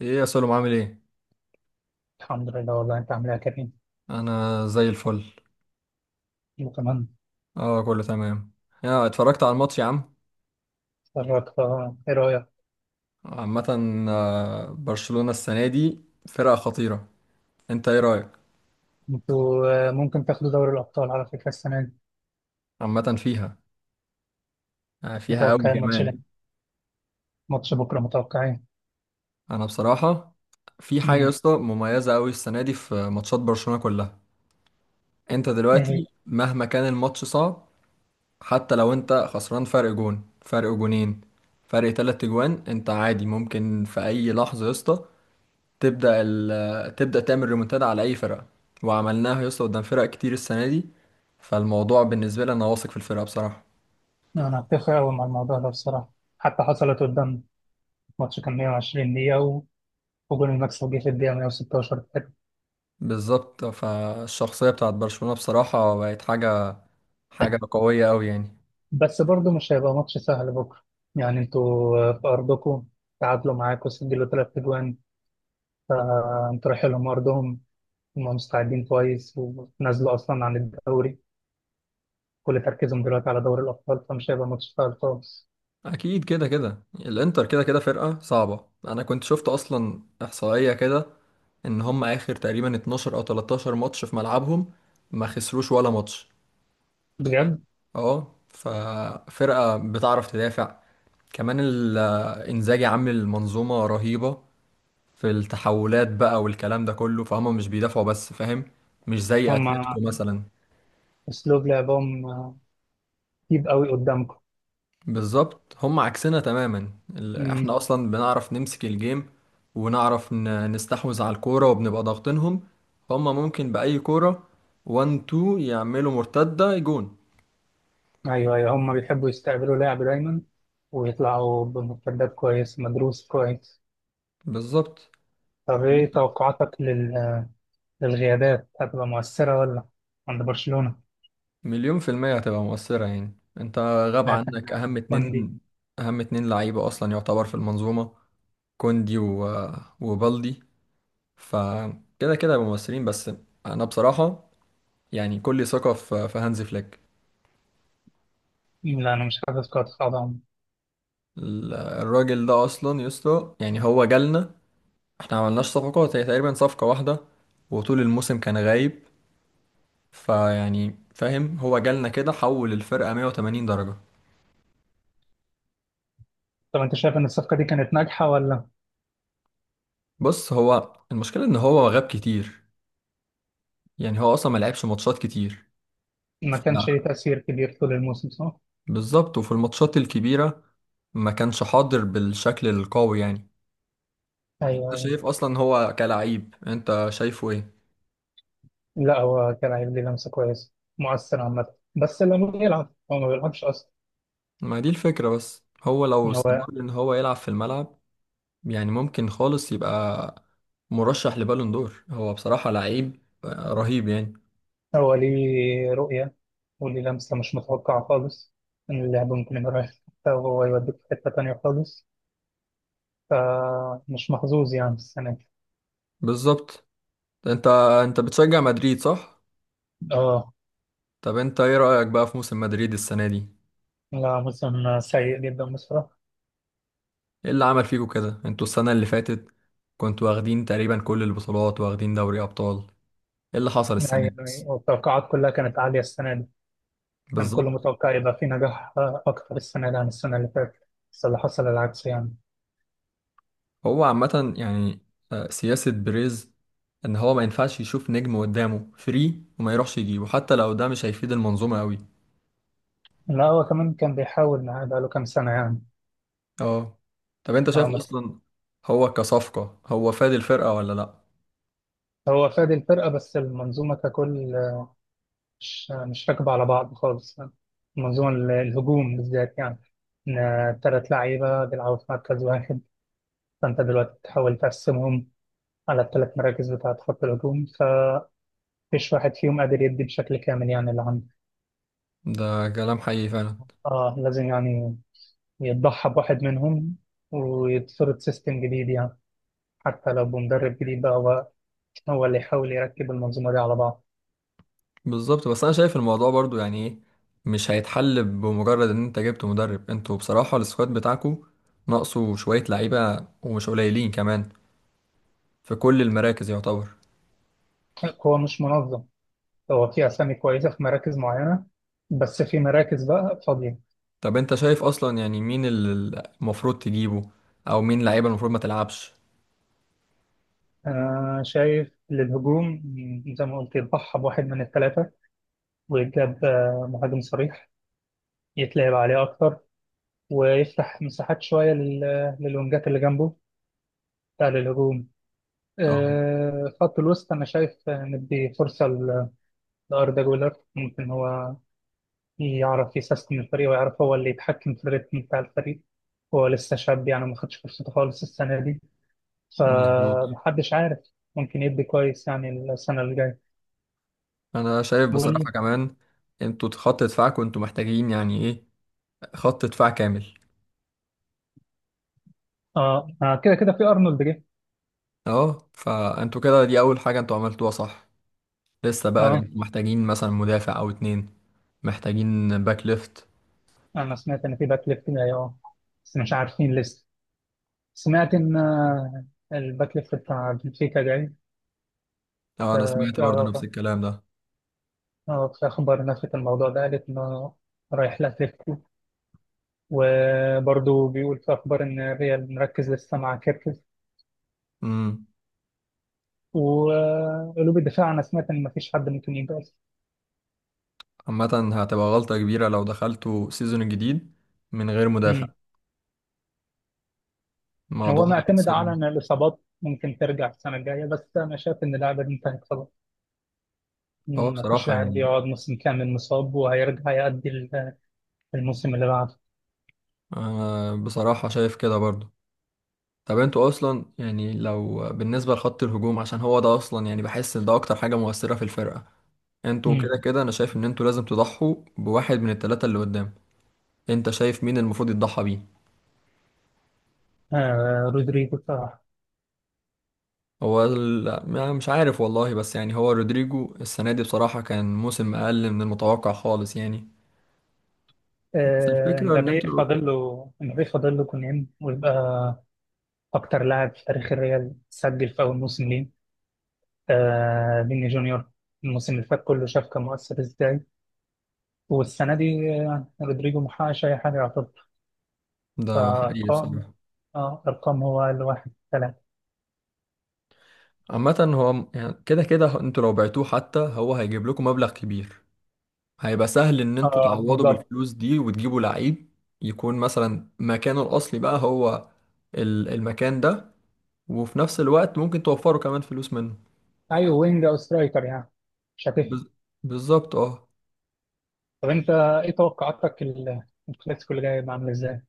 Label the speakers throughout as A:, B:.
A: ايه يا سلم عامل ايه؟
B: الحمد لله. والله انت عامل ايه يا كريم؟
A: انا زي الفل.
B: وكمان.
A: اه كله تمام. يا اتفرجت على الماتش يا عم؟
B: اتفرجت، اه، ايه رايك؟
A: عامه. برشلونة السنه دي فرقه خطيره. انت ايه رايك؟
B: انتوا ممكن تاخدوا دوري الابطال على فكره السنه دي.
A: عامه فيها. آه، فيها قوي
B: متوقعين
A: كمان.
B: ماتش بكره؟ متوقعين.
A: انا بصراحه، في حاجه يا
B: امم
A: اسطى مميزه قوي السنه دي في ماتشات برشلونة كلها. انت
B: ايه هي؟
A: دلوقتي مهما كان الماتش صعب، حتى لو انت خسران فرق جون فرق جونين فرق تلات جوان، انت عادي ممكن في اي لحظه يا اسطى تبدأ تعمل ريمونتادا على أي فرقة. وعملناها يا اسطى قدام فرق كتير السنة دي. فالموضوع بالنسبة لي أنا واثق في الفرقة بصراحة.
B: انا هتفق قوي مع الموضوع ده بصراحه. حتى حصلت قدام ماتش كان 120 دقيقه وجون المكسب جه في الدقيقه 116.
A: بالظبط، فالشخصية بتاعت برشلونة بصراحة بقت حاجة، حاجة قوية أوي يعني.
B: بس برضه مش هيبقى ماتش سهل بكره. يعني انتوا في ارضكم تعادلوا معاكم، سجلوا ثلاث اجوان. فانتوا رايحين لهم ارضهم، هم مستعدين كويس ونزلوا أصلا عن الدوري. كل تركيزهم دلوقتي على دوري الأبطال فمش هيبقى ماتش سهل خالص.
A: أكيد كده كده الإنتر كده كده فرقة صعبة. أنا كنت شفت أصلا إحصائية كده إن هم آخر تقريبا 12 أو 13 ماتش في ملعبهم ما خسروش ولا ماتش.
B: بجد؟
A: اه ففرقة بتعرف تدافع. كمان ال- انزاجي عامل منظومة رهيبة في التحولات بقى والكلام ده كله، فهم مش بيدافعوا بس، فاهم؟ مش زي اتلتيكو
B: هم
A: مثلا.
B: أسلوب لعبهم تيب قوي قدامكم.
A: بالظبط هم عكسنا تماما.
B: مم.
A: احنا اصلا بنعرف نمسك الجيم ونعرف نستحوذ على الكورة وبنبقى ضاغطينهم. هم ممكن بأي كورة 1 2 يعملوا مرتدة جون.
B: أيوه أيوه، هم بيحبوا يستقبلوا لاعب دايما ويطلعوا بمرتدات كويس مدروس كويس.
A: بالظبط.
B: طب إيه توقعاتك للغيابات؟ هتبقى مؤثرة ولا؟ عند برشلونة؟
A: مليون في المية هتبقى مؤثرة. يعني انت غاب
B: شايف إن
A: عنك اهم
B: كوندي.
A: اتنين، اهم اتنين لعيبة اصلا يعتبر في المنظومة: كوندي وبالدي. فكده كده هيبقوا مؤثرين، بس انا بصراحة يعني كل ثقة في هانز فليك.
B: لا أنا مش حاسس قاعد طبعا.
A: الراجل ده اصلا يسطا، يعني هو جالنا احنا عملناش صفقات، هي تقريبا صفقة واحدة وطول الموسم كان غايب. فيعني فاهم، هو جالنا كده حول الفرقة 180 درجة.
B: طب أنت شايف إن الصفقة دي كانت ناجحة ولا؟
A: بص هو المشكلة ان هو غاب كتير، يعني هو اصلا ما لعبش ماتشات كتير.
B: ما
A: ف-
B: كانش ليه تأثير كبير طول الموسم، صح؟
A: بالظبط، وفي الماتشات الكبيره ما كانش حاضر بالشكل القوي يعني.
B: ايوه
A: انت
B: ايوه.
A: شايف اصلا هو كلاعب انت شايفه ايه؟
B: لا هو كان هيدي لمسه كويسه، مؤثر عامه، بس لما يلعب، هو ما بيلعبش اصلا.
A: ما دي الفكره، بس هو لو استمر
B: هو
A: ان هو يلعب في الملعب، يعني ممكن خالص يبقى مرشح لبالون دور، هو بصراحه لعيب رهيب يعني.
B: هو ليه رؤيه وليه لمسه مش متوقعه خالص، ان اللعب ممكن يبقى رايح في حتة وهو يوديك في حته تانيه خالص. فمش محظوظ يعني السنه دي.
A: بالظبط. انت، انت بتشجع مدريد صح؟
B: اه.
A: طب انت ايه رايك بقى في موسم مدريد السنه دي؟
B: لا موسم سيء جدا بصراحه.
A: ايه اللي عمل فيكوا كده؟ انتوا السنة اللي فاتت كنتوا واخدين تقريبا كل البطولات، واخدين دوري ابطال. ايه اللي حصل السنة
B: يعني
A: دي بس؟
B: والتوقعات كلها كانت عاليه السنه دي، كان كله
A: بالظبط.
B: متوقع يبقى في نجاح اكتر السنه دي عن السنه اللي فاتت، بس اللي حصل العكس يعني.
A: هو عامة يعني، سياسة بريز ان هو ما ينفعش يشوف نجم قدامه فري وما يروحش يجيبه، حتى لو ده مش هيفيد المنظومة قوي.
B: لا هو كمان كان بيحاول معاه بقاله كام سنه يعني.
A: اه. طب انت شايف
B: اه بس.
A: اصلا هو كصفقة هو فاد الفرقة ولا لا؟
B: هو فاد الفرقة، بس المنظومة ككل مش راكبة على بعض خالص. المنظومة الهجوم بالذات، يعني إن تلات لعيبة بيلعبوا في مركز واحد، فأنت دلوقتي بتحاول تقسمهم على التلات مراكز بتاعة خط الهجوم، فمفيش واحد فيهم قادر يدي بشكل كامل يعني اللي عنده.
A: ده كلام حقيقي فعلا.
B: اه لازم يعني يتضحى بواحد منهم ويتفرض سيستم جديد يعني، حتى لو بمدرب جديد بقى هو اللي يحاول يركب المنظومة دي على بعض.
A: بالظبط، بس انا شايف الموضوع برضو يعني ايه، مش هيتحل بمجرد ان انت جبت مدرب. انتوا بصراحة السكواد بتاعكو ناقصه شوية لعيبة، ومش قليلين كمان، في كل المراكز يعتبر.
B: هو مش منظم، هو في أسامي كويسة في مراكز معينة بس في مراكز بقى فاضية.
A: طب انت شايف اصلا يعني مين اللي المفروض تجيبه، او مين لعيبة المفروض ما تلعبش؟
B: أنا شايف للهجوم زي ما قلت يضحى بواحد من الثلاثة ويجاب مهاجم صريح يتلعب عليه أكتر ويفتح مساحات شوية للونجات اللي جنبه بتاع الهجوم.
A: اه
B: خط الوسط أنا شايف ندي فرصة لأردا جولر، ممكن هو يعرف يسيستم الفريق ويعرف هو اللي يتحكم في الريتم بتاع الفريق. هو لسه شاب يعني ما خدش فرصته خالص السنة دي
A: مظبوط.
B: فمحدش عارف ممكن يدي كويس يعني السنة اللي جاية.
A: انا شايف
B: بقول لي.
A: بصراحة كمان، انتوا خط دفاعكم انتوا محتاجين يعني ايه، خط دفاع كامل.
B: اه. كده كده في ارنولد جه.
A: اه فانتوا كده دي اول حاجة انتوا عملتوها صح. لسه بقى
B: اه
A: انتوا محتاجين مثلا مدافع او اتنين. محتاجين باك ليفت.
B: انا سمعت ان في باك ليفت جاي، اه بس مش عارفين لسه. سمعت ان الباك ليفت بتاع بنفيكا جاي.
A: اه
B: ف-
A: انا سمعت
B: في
A: برضو نفس
B: آه،
A: الكلام ده.
B: آه، في اخبار نفت الموضوع ده، قالت انه رايح لاتليتيكو. وبرضه بيقول في اخبار ان الريال مركز لسه مع كيركز.
A: امم
B: وقلوب الدفاع انا سمعت ان مفيش حد ممكن يبقى.
A: عامة هتبقى غلطة كبيرة لو دخلتوا سيزون الجديد من غير مدافع. الموضوع
B: هو معتمد
A: هيأثر
B: على
A: من-
B: ان الاصابات ممكن ترجع السنه الجايه، بس انا شايف ان اللاعب دي انتهت خلاص.
A: اه
B: مفيش
A: بصراحة
B: لاعب
A: يعني،
B: بيقعد موسم كامل مصاب وهيرجع يأدي الموسم اللي بعده.
A: آه بصراحة شايف كده برضو. طب انتوا اصلا يعني لو بالنسبة لخط الهجوم، عشان هو ده اصلا يعني بحس ان ده اكتر حاجة مؤثرة في الفرقة، انتوا كده
B: مم.
A: كده انا شايف ان انتوا لازم تضحوا بواحد من التلاتة اللي قدام. انت شايف مين المفروض يتضحى بيه؟
B: آه رودريجو بصراحه.
A: هو ال- ما- مش عارف والله، بس يعني هو رودريجو السنة دي بصراحة كان موسم أقل من المتوقع خالص يعني. بس
B: آه،
A: الفكرة إن
B: امبابي
A: أنتوا،
B: فاضل له امبابي فاضل له كونين ويبقى اكتر لاعب في تاريخ الريال سجل في اول موسم ليه. آه فيني جونيور الموسم اللي فات كله شاف كان مؤثر ازاي، والسنه دي رودريجو محققش اي حاجه يعتبر
A: ده حقيقي
B: فارقام.
A: بصراحة.
B: اه ارقام هو الواحد.
A: عامة يعني كده كده أنتوا لو بعتوه، حتى هو هيجيب لكم مبلغ كبير، هيبقى سهل إن أنتوا
B: اه
A: تعوضوا
B: بالظبط.
A: بالفلوس دي وتجيبوا لعيب يكون مثلا مكانه الأصلي بقى، هو المكان ده، وفي نفس الوقت ممكن توفروا كمان فلوس منه.
B: ايوه وينج او سترايكر يعني مش هتفرق.
A: بز- بالظبط اه.
B: طب انت ايه توقعاتك الكلاسيكو اللي جاي هيبقى عامل ازاي؟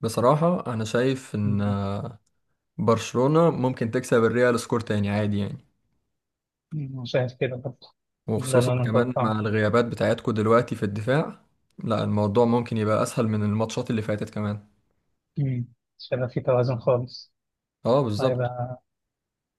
A: بصراحة أنا شايف إن
B: مم.
A: برشلونة ممكن تكسب الريال سكور تاني عادي يعني.
B: مم. شايف كده برضه. ده
A: وخصوصا
B: اللي انا
A: كمان مع
B: متوقعه.
A: الغيابات بتاعتكو دلوقتي في الدفاع، لا الموضوع ممكن يبقى أسهل من الماتشات اللي فاتت كمان.
B: مم. شايف في توازن خالص.
A: اه بالظبط.
B: هيبقى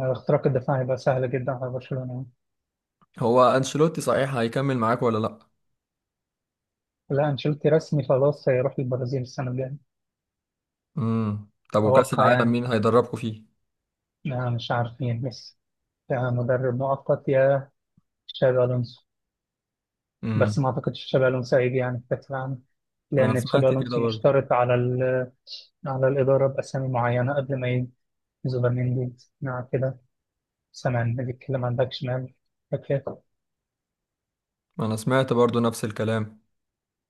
B: هيبقى اختراق الدفاع هيبقى سهل جدا على برشلونة.
A: هو أنشيلوتي صحيح هيكمل معاك ولا لأ؟
B: لا انشيلوتي رسمي خلاص هيروح البرازيل السنة الجاية.
A: امم. طب وكأس
B: اتوقع
A: العالم
B: يعني.
A: مين هيدربكوا فيه؟
B: أنا مش عارفين، بس يا مدرب مؤقت يا تشابي الونسو. بس
A: امم.
B: ما اعتقدش تشابي الونسو هيجي يعني في كأس العالم،
A: أنا
B: لان تشابي
A: سمعت كده
B: الونسو
A: برضه.
B: مشترط على الإدارة بأسامي معينة قبل ما يجي، زوبر مندي. نعم كده. سامع إن بيتكلم عن باك شمال، باك ليفت.
A: أنا سمعت برضه نفس الكلام.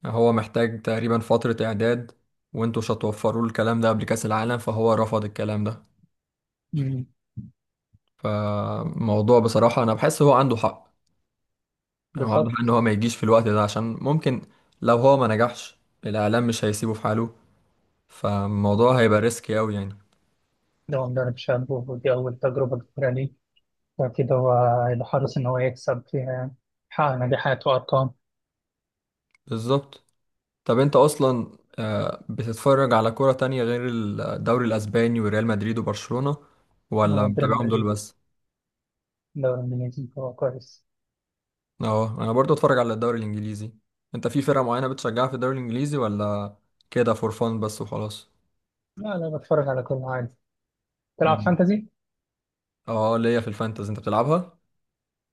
A: هو محتاج تقريبا فترة إعداد، وانتوا مش هتوفروا له الكلام ده قبل كأس العالم، فهو رفض الكلام ده.
B: أمم،
A: فموضوع بصراحة أنا بحس هو عنده حق. واضح ان
B: بالظبط.
A: هو ما يجيش في الوقت ده، عشان ممكن لو هو ما نجحش الاعلام مش هيسيبه في حاله، فالموضوع هيبقى ريسكي قوي يعني.
B: ده هو مدرب شاب ودي أول تجربة كبيرة ليه، فأكيد هو هيبقى حريص إن هو يكسب فيها، يعني حقق نجاحات وأرقام.
A: بالظبط. طب انت اصلا بتتفرج على كرة تانية غير الدوري الاسباني وريال مدريد وبرشلونة، ولا
B: بريمير
A: متابعهم دول
B: ليج،
A: بس؟
B: الدوري الإنجليزي، هو كويس.
A: اه انا برضو اتفرج على الدوري الانجليزي. انت في فرقة معينة بتشجعها في الدوري الانجليزي، ولا كده فور فان بس وخلاص؟
B: لا لا، بتفرج على كل حاجة. تلعب
A: مم.
B: فانتزي؟
A: اه ليا في الفانتزي. انت بتلعبها؟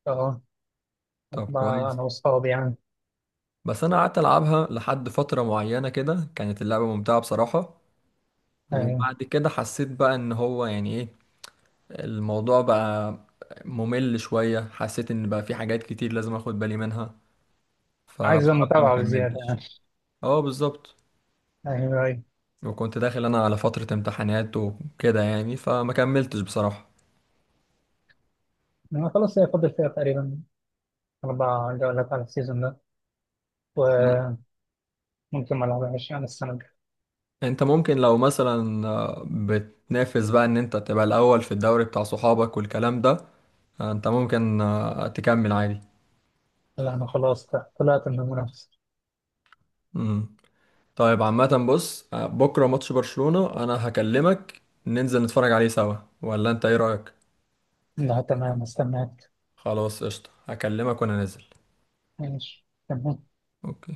B: أه.
A: طب كويس.
B: أنا وأصحابي يعني.
A: بس انا قعدت العبها لحد فتره معينه كده، كانت اللعبه ممتعه بصراحه.
B: أيوة.
A: وبعد كده حسيت بقى ان هو يعني ايه، الموضوع بقى ممل شويه، حسيت ان بقى في حاجات كتير لازم اخد بالي منها
B: عايزة
A: فبصراحه ما
B: متابعة بزيادة يعني.
A: كملتش. اه بالظبط.
B: أيوه أيوه.
A: وكنت داخل انا على فتره امتحانات وكده يعني، فما كملتش بصراحه.
B: أنا خلاص هي فاضل فيها تقريبا أربع جولات على السيزون ده، وممكن ما العبهاش يعني السنة الجاية.
A: انت ممكن لو مثلا بتنافس بقى ان انت تبقى الاول في الدوري بتاع صحابك والكلام ده، انت ممكن تكمل عادي.
B: لا أنا خلاص طلعت من المنافسة.
A: طيب عامة بص، بكرة ماتش برشلونة أنا هكلمك ننزل نتفرج عليه سوا، ولا أنت إيه رأيك؟
B: لا تمام، استناك.
A: خلاص قشطة، هكلمك وأنا نازل.
B: ماشي تمام.
A: أوكي.